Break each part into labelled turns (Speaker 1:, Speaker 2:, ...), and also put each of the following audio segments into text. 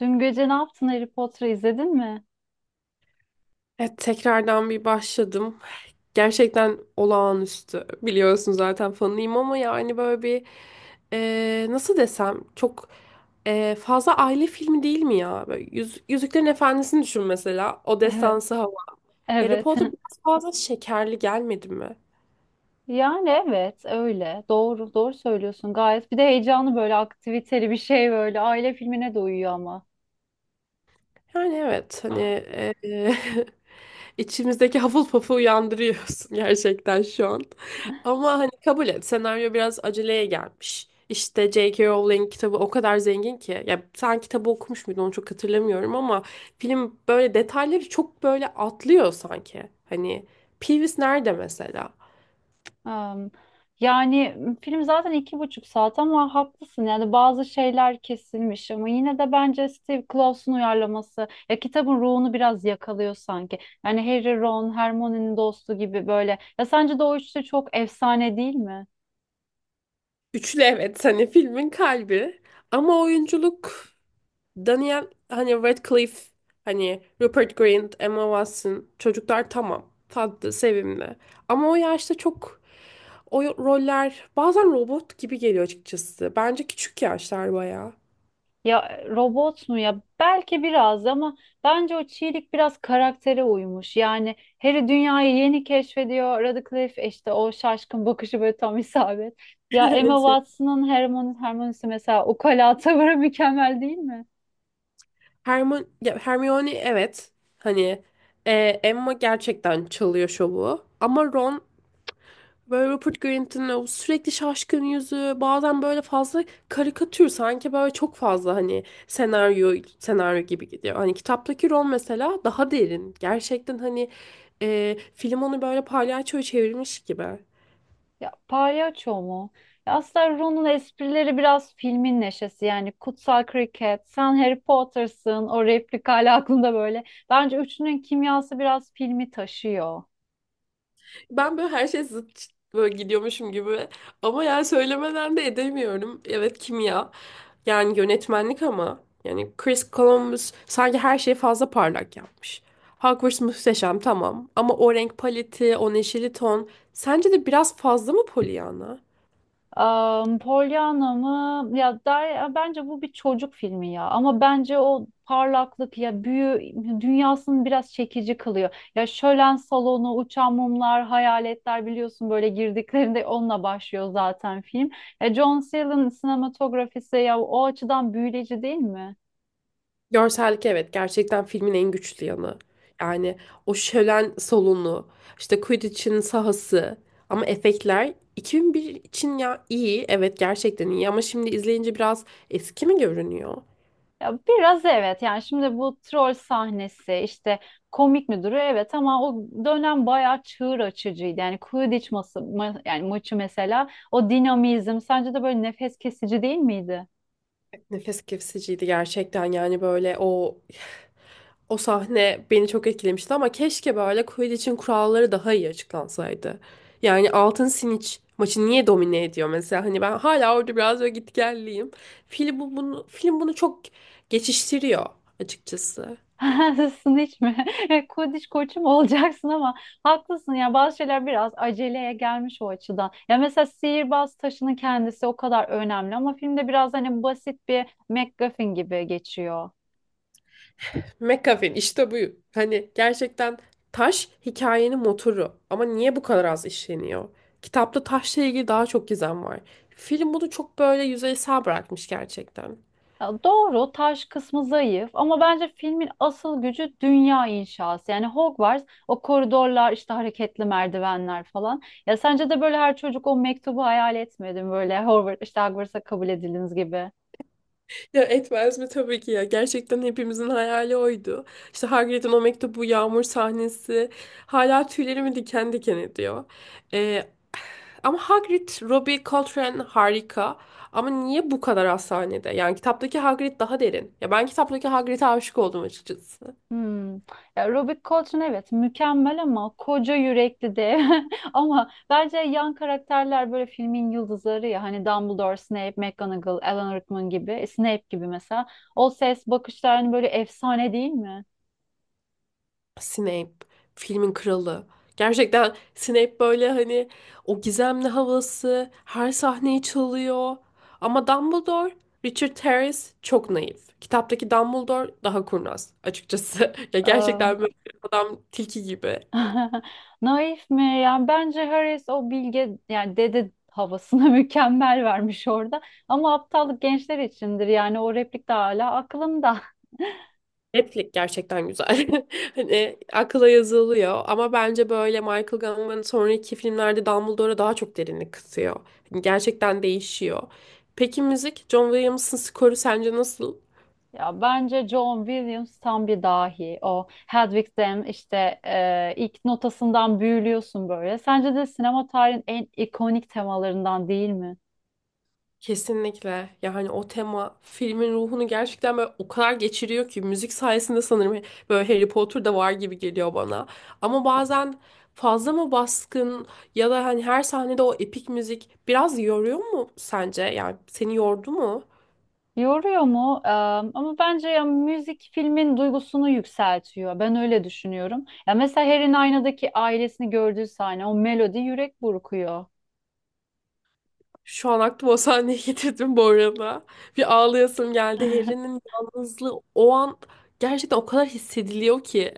Speaker 1: Dün gece ne yaptın, Harry Potter'ı izledin mi?
Speaker 2: Evet, tekrardan bir başladım. Gerçekten olağanüstü. Biliyorsun zaten fanıyım ama yani böyle bir nasıl desem çok fazla aile filmi değil mi ya? Böyle Yüzüklerin Efendisi'ni düşün mesela. O
Speaker 1: Evet.
Speaker 2: destansı hava. Harry
Speaker 1: Evet.
Speaker 2: Potter biraz fazla şekerli gelmedi mi?
Speaker 1: Yani evet öyle. Doğru söylüyorsun gayet. Bir de heyecanlı böyle aktiviteli bir şey böyle. Aile filmine de uyuyor ama.
Speaker 2: Yani evet hani içimizdeki Hufflepuff'u uyandırıyorsun gerçekten şu an. Ama hani kabul et senaryo biraz aceleye gelmiş. İşte J.K. Rowling kitabı o kadar zengin ki. Ya sen kitabı okumuş muydun onu çok hatırlamıyorum ama film böyle detayları çok böyle atlıyor sanki. Hani Peeves nerede mesela?
Speaker 1: Am, yani film zaten iki buçuk saat ama haklısın. Yani bazı şeyler kesilmiş ama yine de bence Steve Claus'un uyarlaması ya kitabın ruhunu biraz yakalıyor sanki. Yani Harry, Ron, Hermione'nin dostu gibi böyle. Ya sence de o üçlü çok efsane değil mi?
Speaker 2: Üçlü evet hani filmin kalbi ama oyunculuk Daniel hani Radcliffe hani Rupert Grint, Emma Watson çocuklar tamam tatlı sevimli ama o yaşta çok o roller bazen robot gibi geliyor açıkçası. Bence küçük yaşlar bayağı.
Speaker 1: Ya robot mu ya? Belki biraz ama bence o çiğlik biraz karaktere uymuş. Yani Harry dünyayı yeni keşfediyor. Radcliffe işte o şaşkın bakışı böyle tam isabet. Ya Emma
Speaker 2: En sevdiğim-
Speaker 1: Watson'ın Hermione'si mesela ukala tavırı mükemmel değil mi?
Speaker 2: Hermione, ya Hermione evet hani e, Emma gerçekten çalıyor şovu ama Ron böyle Rupert Grint'in o sürekli şaşkın yüzü bazen böyle fazla karikatür sanki böyle çok fazla hani senaryo gibi gidiyor. Hani kitaptaki rol mesela daha derin. Gerçekten hani film onu böyle palyaçoya çevirmiş gibi.
Speaker 1: Ya palyaço mu? Ya aslında Ron'un esprileri biraz filmin neşesi, yani kutsal kriket, sen Harry Potter'sın, o replik hala aklımda böyle. Bence üçünün kimyası biraz filmi taşıyor.
Speaker 2: Ben böyle her şey zıt böyle gidiyormuşum gibi. Ama yani söylemeden de edemiyorum. Evet, kimya. Yani yönetmenlik ama. Yani Chris Columbus sanki her şeyi fazla parlak yapmış. Hogwarts muhteşem, tamam. Ama o renk paleti, o neşeli ton. Sence de biraz fazla mı Pollyanna?
Speaker 1: Pollyanna mı? Ya der, ya bence bu bir çocuk filmi ya. Ama bence o parlaklık ya büyü dünyasını biraz çekici kılıyor. Ya şölen salonu, uçan mumlar, hayaletler, biliyorsun böyle girdiklerinde onunla başlıyor zaten film. John Sayle'ın sinematografisi ya o açıdan büyüleyici değil mi?
Speaker 2: Görsellik evet, gerçekten filmin en güçlü yanı. Yani o şölen salonu, işte Quidditch'in sahası, ama efektler 2001 için ya iyi, evet gerçekten iyi ama şimdi izleyince biraz eski mi görünüyor?
Speaker 1: Ya biraz evet, yani şimdi bu troll sahnesi işte komik mi duruyor, evet, ama o dönem bayağı çığır açıcıydı. Yani Quidditch yani maçı mesela, o dinamizm sence de böyle nefes kesici değil miydi?
Speaker 2: Nefes kesiciydi gerçekten, yani böyle o o sahne beni çok etkilemişti ama keşke böyle Quidditch'in kuralları daha iyi açıklansaydı. Yani altın Siniç maçı niye domine ediyor mesela, hani ben hala orada biraz böyle gitgelliyim. Film bunu çok geçiştiriyor açıkçası.
Speaker 1: Haklısın, hiç mi? Quidditch koçu mu olacaksın, ama haklısın ya, bazı şeyler biraz aceleye gelmiş o açıdan. Ya mesela sihirbaz taşının kendisi o kadar önemli ama filmde biraz hani basit bir MacGuffin gibi geçiyor.
Speaker 2: McAfee'in işte bu. Hani gerçekten taş hikayenin motoru. Ama niye bu kadar az işleniyor? Kitapta taşla ilgili daha çok gizem var. Film bunu çok böyle yüzeysel bırakmış gerçekten.
Speaker 1: Ya doğru, taş kısmı zayıf ama bence filmin asıl gücü dünya inşası. Yani Hogwarts, o koridorlar, işte hareketli merdivenler falan. Ya sence de böyle her çocuk o mektubu hayal etmedi? Böyle Hogwarts, işte Hogwarts'a kabul ediliniz gibi.
Speaker 2: Ya etmez mi, tabii ki ya. Gerçekten hepimizin hayali oydu. İşte Hagrid'in o mektubu, yağmur sahnesi. Hala tüylerimi diken diken ediyor. Ee, ama Hagrid, Robbie Coltrane harika. Ama niye bu kadar az sahnede? Yani kitaptaki Hagrid daha derin. Ya ben kitaptaki Hagrid'e aşık oldum açıkçası.
Speaker 1: Hmm. Ya Robert Coltrane evet mükemmel, ama koca yürekli de. Ama bence yan karakterler böyle filmin yıldızları ya. Hani Dumbledore, Snape, McGonagall, Alan Rickman gibi. Snape gibi mesela. O ses, bakışlar, hani böyle efsane değil mi?
Speaker 2: Snape filmin kralı. Gerçekten Snape böyle hani o gizemli havası her sahneyi çalıyor. Ama Dumbledore, Richard Harris çok naif. Kitaptaki Dumbledore daha kurnaz açıkçası. Ya gerçekten böyle adam tilki gibi.
Speaker 1: Naif mi? Yani bence Harris o bilge yani dede havasına mükemmel vermiş orada. Ama aptallık gençler içindir, yani o replik de hala aklımda.
Speaker 2: Netflix gerçekten güzel. Hani akıla yazılıyor ama bence böyle Michael Gambon'un sonraki filmlerde Dumbledore'a daha çok derinlik katıyor. Hani gerçekten değişiyor. Peki müzik, John Williams'ın skoru sence nasıl?
Speaker 1: Ya bence John Williams tam bir dahi. O Hedwig'den işte ilk notasından büyülüyorsun böyle. Sence de sinema tarihinin en ikonik temalarından değil mi?
Speaker 2: Kesinlikle. Ya hani o tema filmin ruhunu gerçekten böyle o kadar geçiriyor ki müzik sayesinde sanırım böyle Harry Potter'da var gibi geliyor bana. Ama bazen fazla mı baskın, ya da hani her sahnede o epik müzik biraz yoruyor mu sence? Yani seni yordu mu?
Speaker 1: Yoruyor mu? Ama bence ya müzik filmin duygusunu yükseltiyor. Ben öyle düşünüyorum. Ya mesela Harry'nin aynadaki ailesini gördüğü sahne, o melodi yürek burkuyor.
Speaker 2: Şu an aklıma o sahneyi getirdim bu arada. Bir ağlayasım geldi. Harry'nin yalnızlığı o an gerçekten o kadar hissediliyor ki.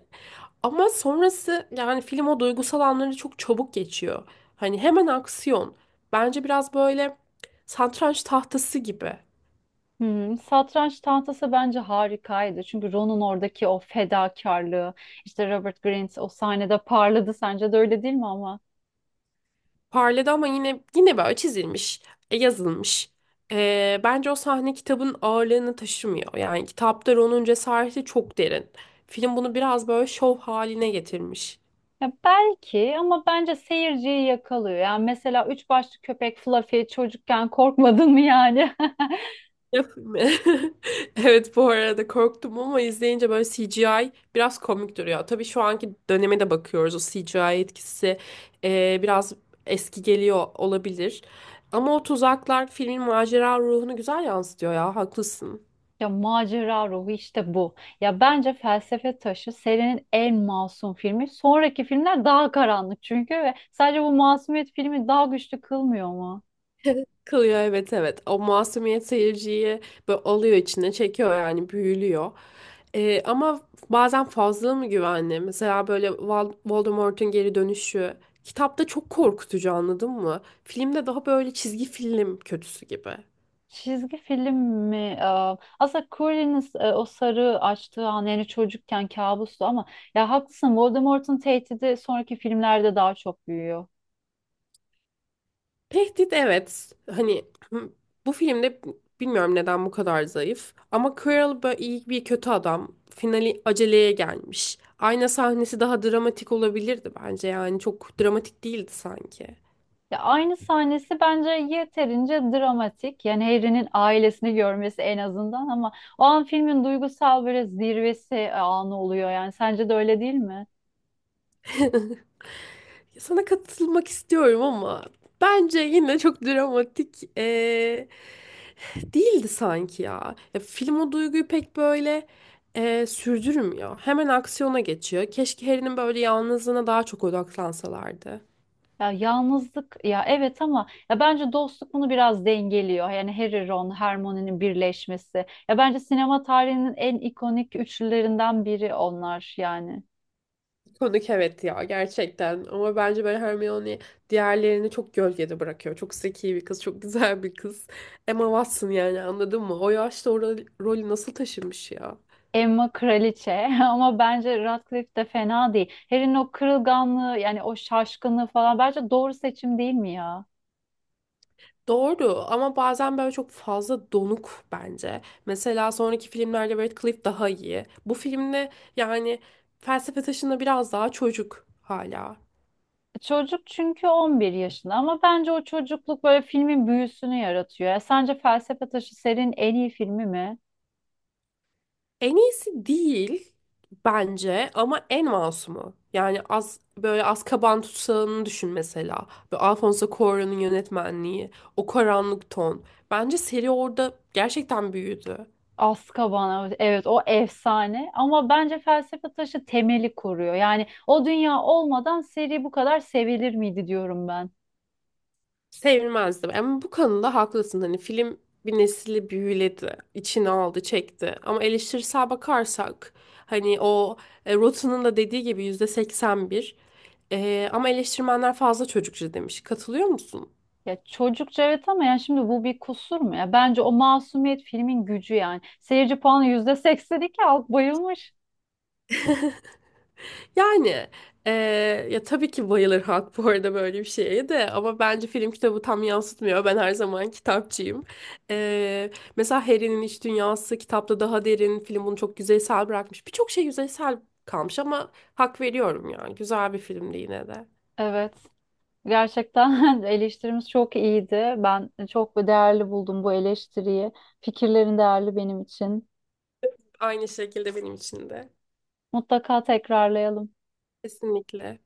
Speaker 2: Ama sonrası yani film o duygusal anları çok çabuk geçiyor. Hani hemen aksiyon. Bence biraz böyle satranç tahtası gibi.
Speaker 1: Hmm, satranç tahtası bence harikaydı. Çünkü Ron'un oradaki o fedakarlığı, işte Robert Grint o sahnede parladı. Sence de öyle değil mi ama?
Speaker 2: Parladı ama yine böyle çizilmiş, yazılmış. Bence o sahne kitabın ağırlığını taşımıyor. Yani kitapta Ron'un cesareti çok derin. Film bunu biraz böyle şov haline getirmiş.
Speaker 1: Ya belki, ama bence seyirciyi yakalıyor. Yani mesela üç başlı köpek Fluffy, çocukken korkmadın mı yani?
Speaker 2: Yapayım mı? Evet, bu arada korktum ama izleyince böyle CGI biraz komik duruyor. Tabii şu anki döneme de bakıyoruz. O CGI etkisi biraz eski geliyor olabilir. Ama o tuzaklar filmin macera ruhunu güzel yansıtıyor ya. Haklısın.
Speaker 1: Ya macera ruhu işte bu. Ya bence Felsefe Taşı serinin en masum filmi. Sonraki filmler daha karanlık çünkü, ve sadece bu masumiyet filmi daha güçlü kılmıyor mu?
Speaker 2: Kılıyor, evet evet. O masumiyet seyirciyi böyle alıyor, içine çekiyor, yani büyülüyor. Ama bazen fazla mı güvenli? Mesela böyle Voldemort'un geri dönüşü. Kitapta çok korkutucu, anladın mı? Filmde daha böyle çizgi film kötüsü gibi.
Speaker 1: Çizgi film mi? Aslında Colin'in o sarı açtığı an, yani çocukken kabustu ama ya haklısın, Voldemort'un tehdidi sonraki filmlerde daha çok büyüyor.
Speaker 2: Tehdit evet. Hani hı, bu filmde bilmiyorum neden bu kadar zayıf. Ama Quirrell böyle iyi bir kötü adam. Finali aceleye gelmiş. Ayna sahnesi daha dramatik olabilirdi bence. Yani çok dramatik değildi sanki.
Speaker 1: Ya aynı sahnesi bence yeterince dramatik. Yani Harry'nin ailesini görmesi en azından, ama o an filmin duygusal böyle zirvesi anı oluyor. Yani sence de öyle değil mi?
Speaker 2: Sana katılmak istiyorum ama bence yine çok dramatik, değildi sanki ya. Ya film o duyguyu pek böyle sürdürmüyor. Hemen aksiyona geçiyor. Keşke Harry'nin böyle yalnızlığına daha çok odaklansalardı.
Speaker 1: Ya yalnızlık ya evet, ama ya bence dostluk bunu biraz dengeliyor. Yani Harry, Ron, Hermione'nin birleşmesi. Ya bence sinema tarihinin en ikonik üçlülerinden biri onlar yani.
Speaker 2: Konuk evet ya, gerçekten. Ama bence böyle Hermione diğerlerini çok gölgede bırakıyor. Çok zeki bir kız, çok güzel bir kız. Emma Watson yani, anladın mı? O yaşta o rolü nasıl taşımış ya?
Speaker 1: Emma kraliçe ama bence Radcliffe de fena değil. Harry'nin o kırılganlığı yani o şaşkınlığı falan bence doğru seçim değil mi ya?
Speaker 2: Doğru, ama bazen böyle çok fazla donuk bence. Mesela sonraki filmlerde Radcliffe daha iyi. Bu filmde yani felsefe taşında biraz daha çocuk hala.
Speaker 1: Çocuk çünkü 11 yaşında ama bence o çocukluk böyle filmin büyüsünü yaratıyor. Ya sence Felsefe Taşı serinin en iyi filmi mi?
Speaker 2: En iyisi değil bence ama en masumu. Yani az böyle Azkaban tutsağını düşün mesela. Böyle Alfonso Cuarón'un yönetmenliği, o karanlık ton. Bence seri orada gerçekten büyüdü.
Speaker 1: Azkaban evet o efsane, ama bence Felsefe Taşı temeli koruyor. Yani o dünya olmadan seri bu kadar sevilir miydi diyorum ben.
Speaker 2: Sevilmezdim. Ama bu konuda haklısın. Hani film bir nesli büyüledi, içine aldı, çekti. Ama eleştirisel bakarsak hani o Rotten'ın da dediği gibi %81. Ama eleştirmenler fazla çocukça demiş. Katılıyor musun?
Speaker 1: Ya çocukça evet, ama yani şimdi bu bir kusur mu ya? Bence o masumiyet filmin gücü yani. Seyirci puanı %82, halk bayılmış.
Speaker 2: Yani eee, ya tabii ki bayılır halk bu arada böyle bir şeye de, ama bence film kitabı tam yansıtmıyor. Ben her zaman kitapçıyım. Eee, mesela Harry'nin iç dünyası kitapta daha derin. Film bunu çok yüzeysel bırakmış. Birçok şey yüzeysel kalmış ama hak veriyorum yani. Güzel bir filmdi yine de.
Speaker 1: Evet. Gerçekten eleştirimiz çok iyiydi. Ben çok değerli buldum bu eleştiriyi. Fikirlerin değerli benim için.
Speaker 2: Aynı şekilde benim için de.
Speaker 1: Mutlaka tekrarlayalım.
Speaker 2: Kesinlikle.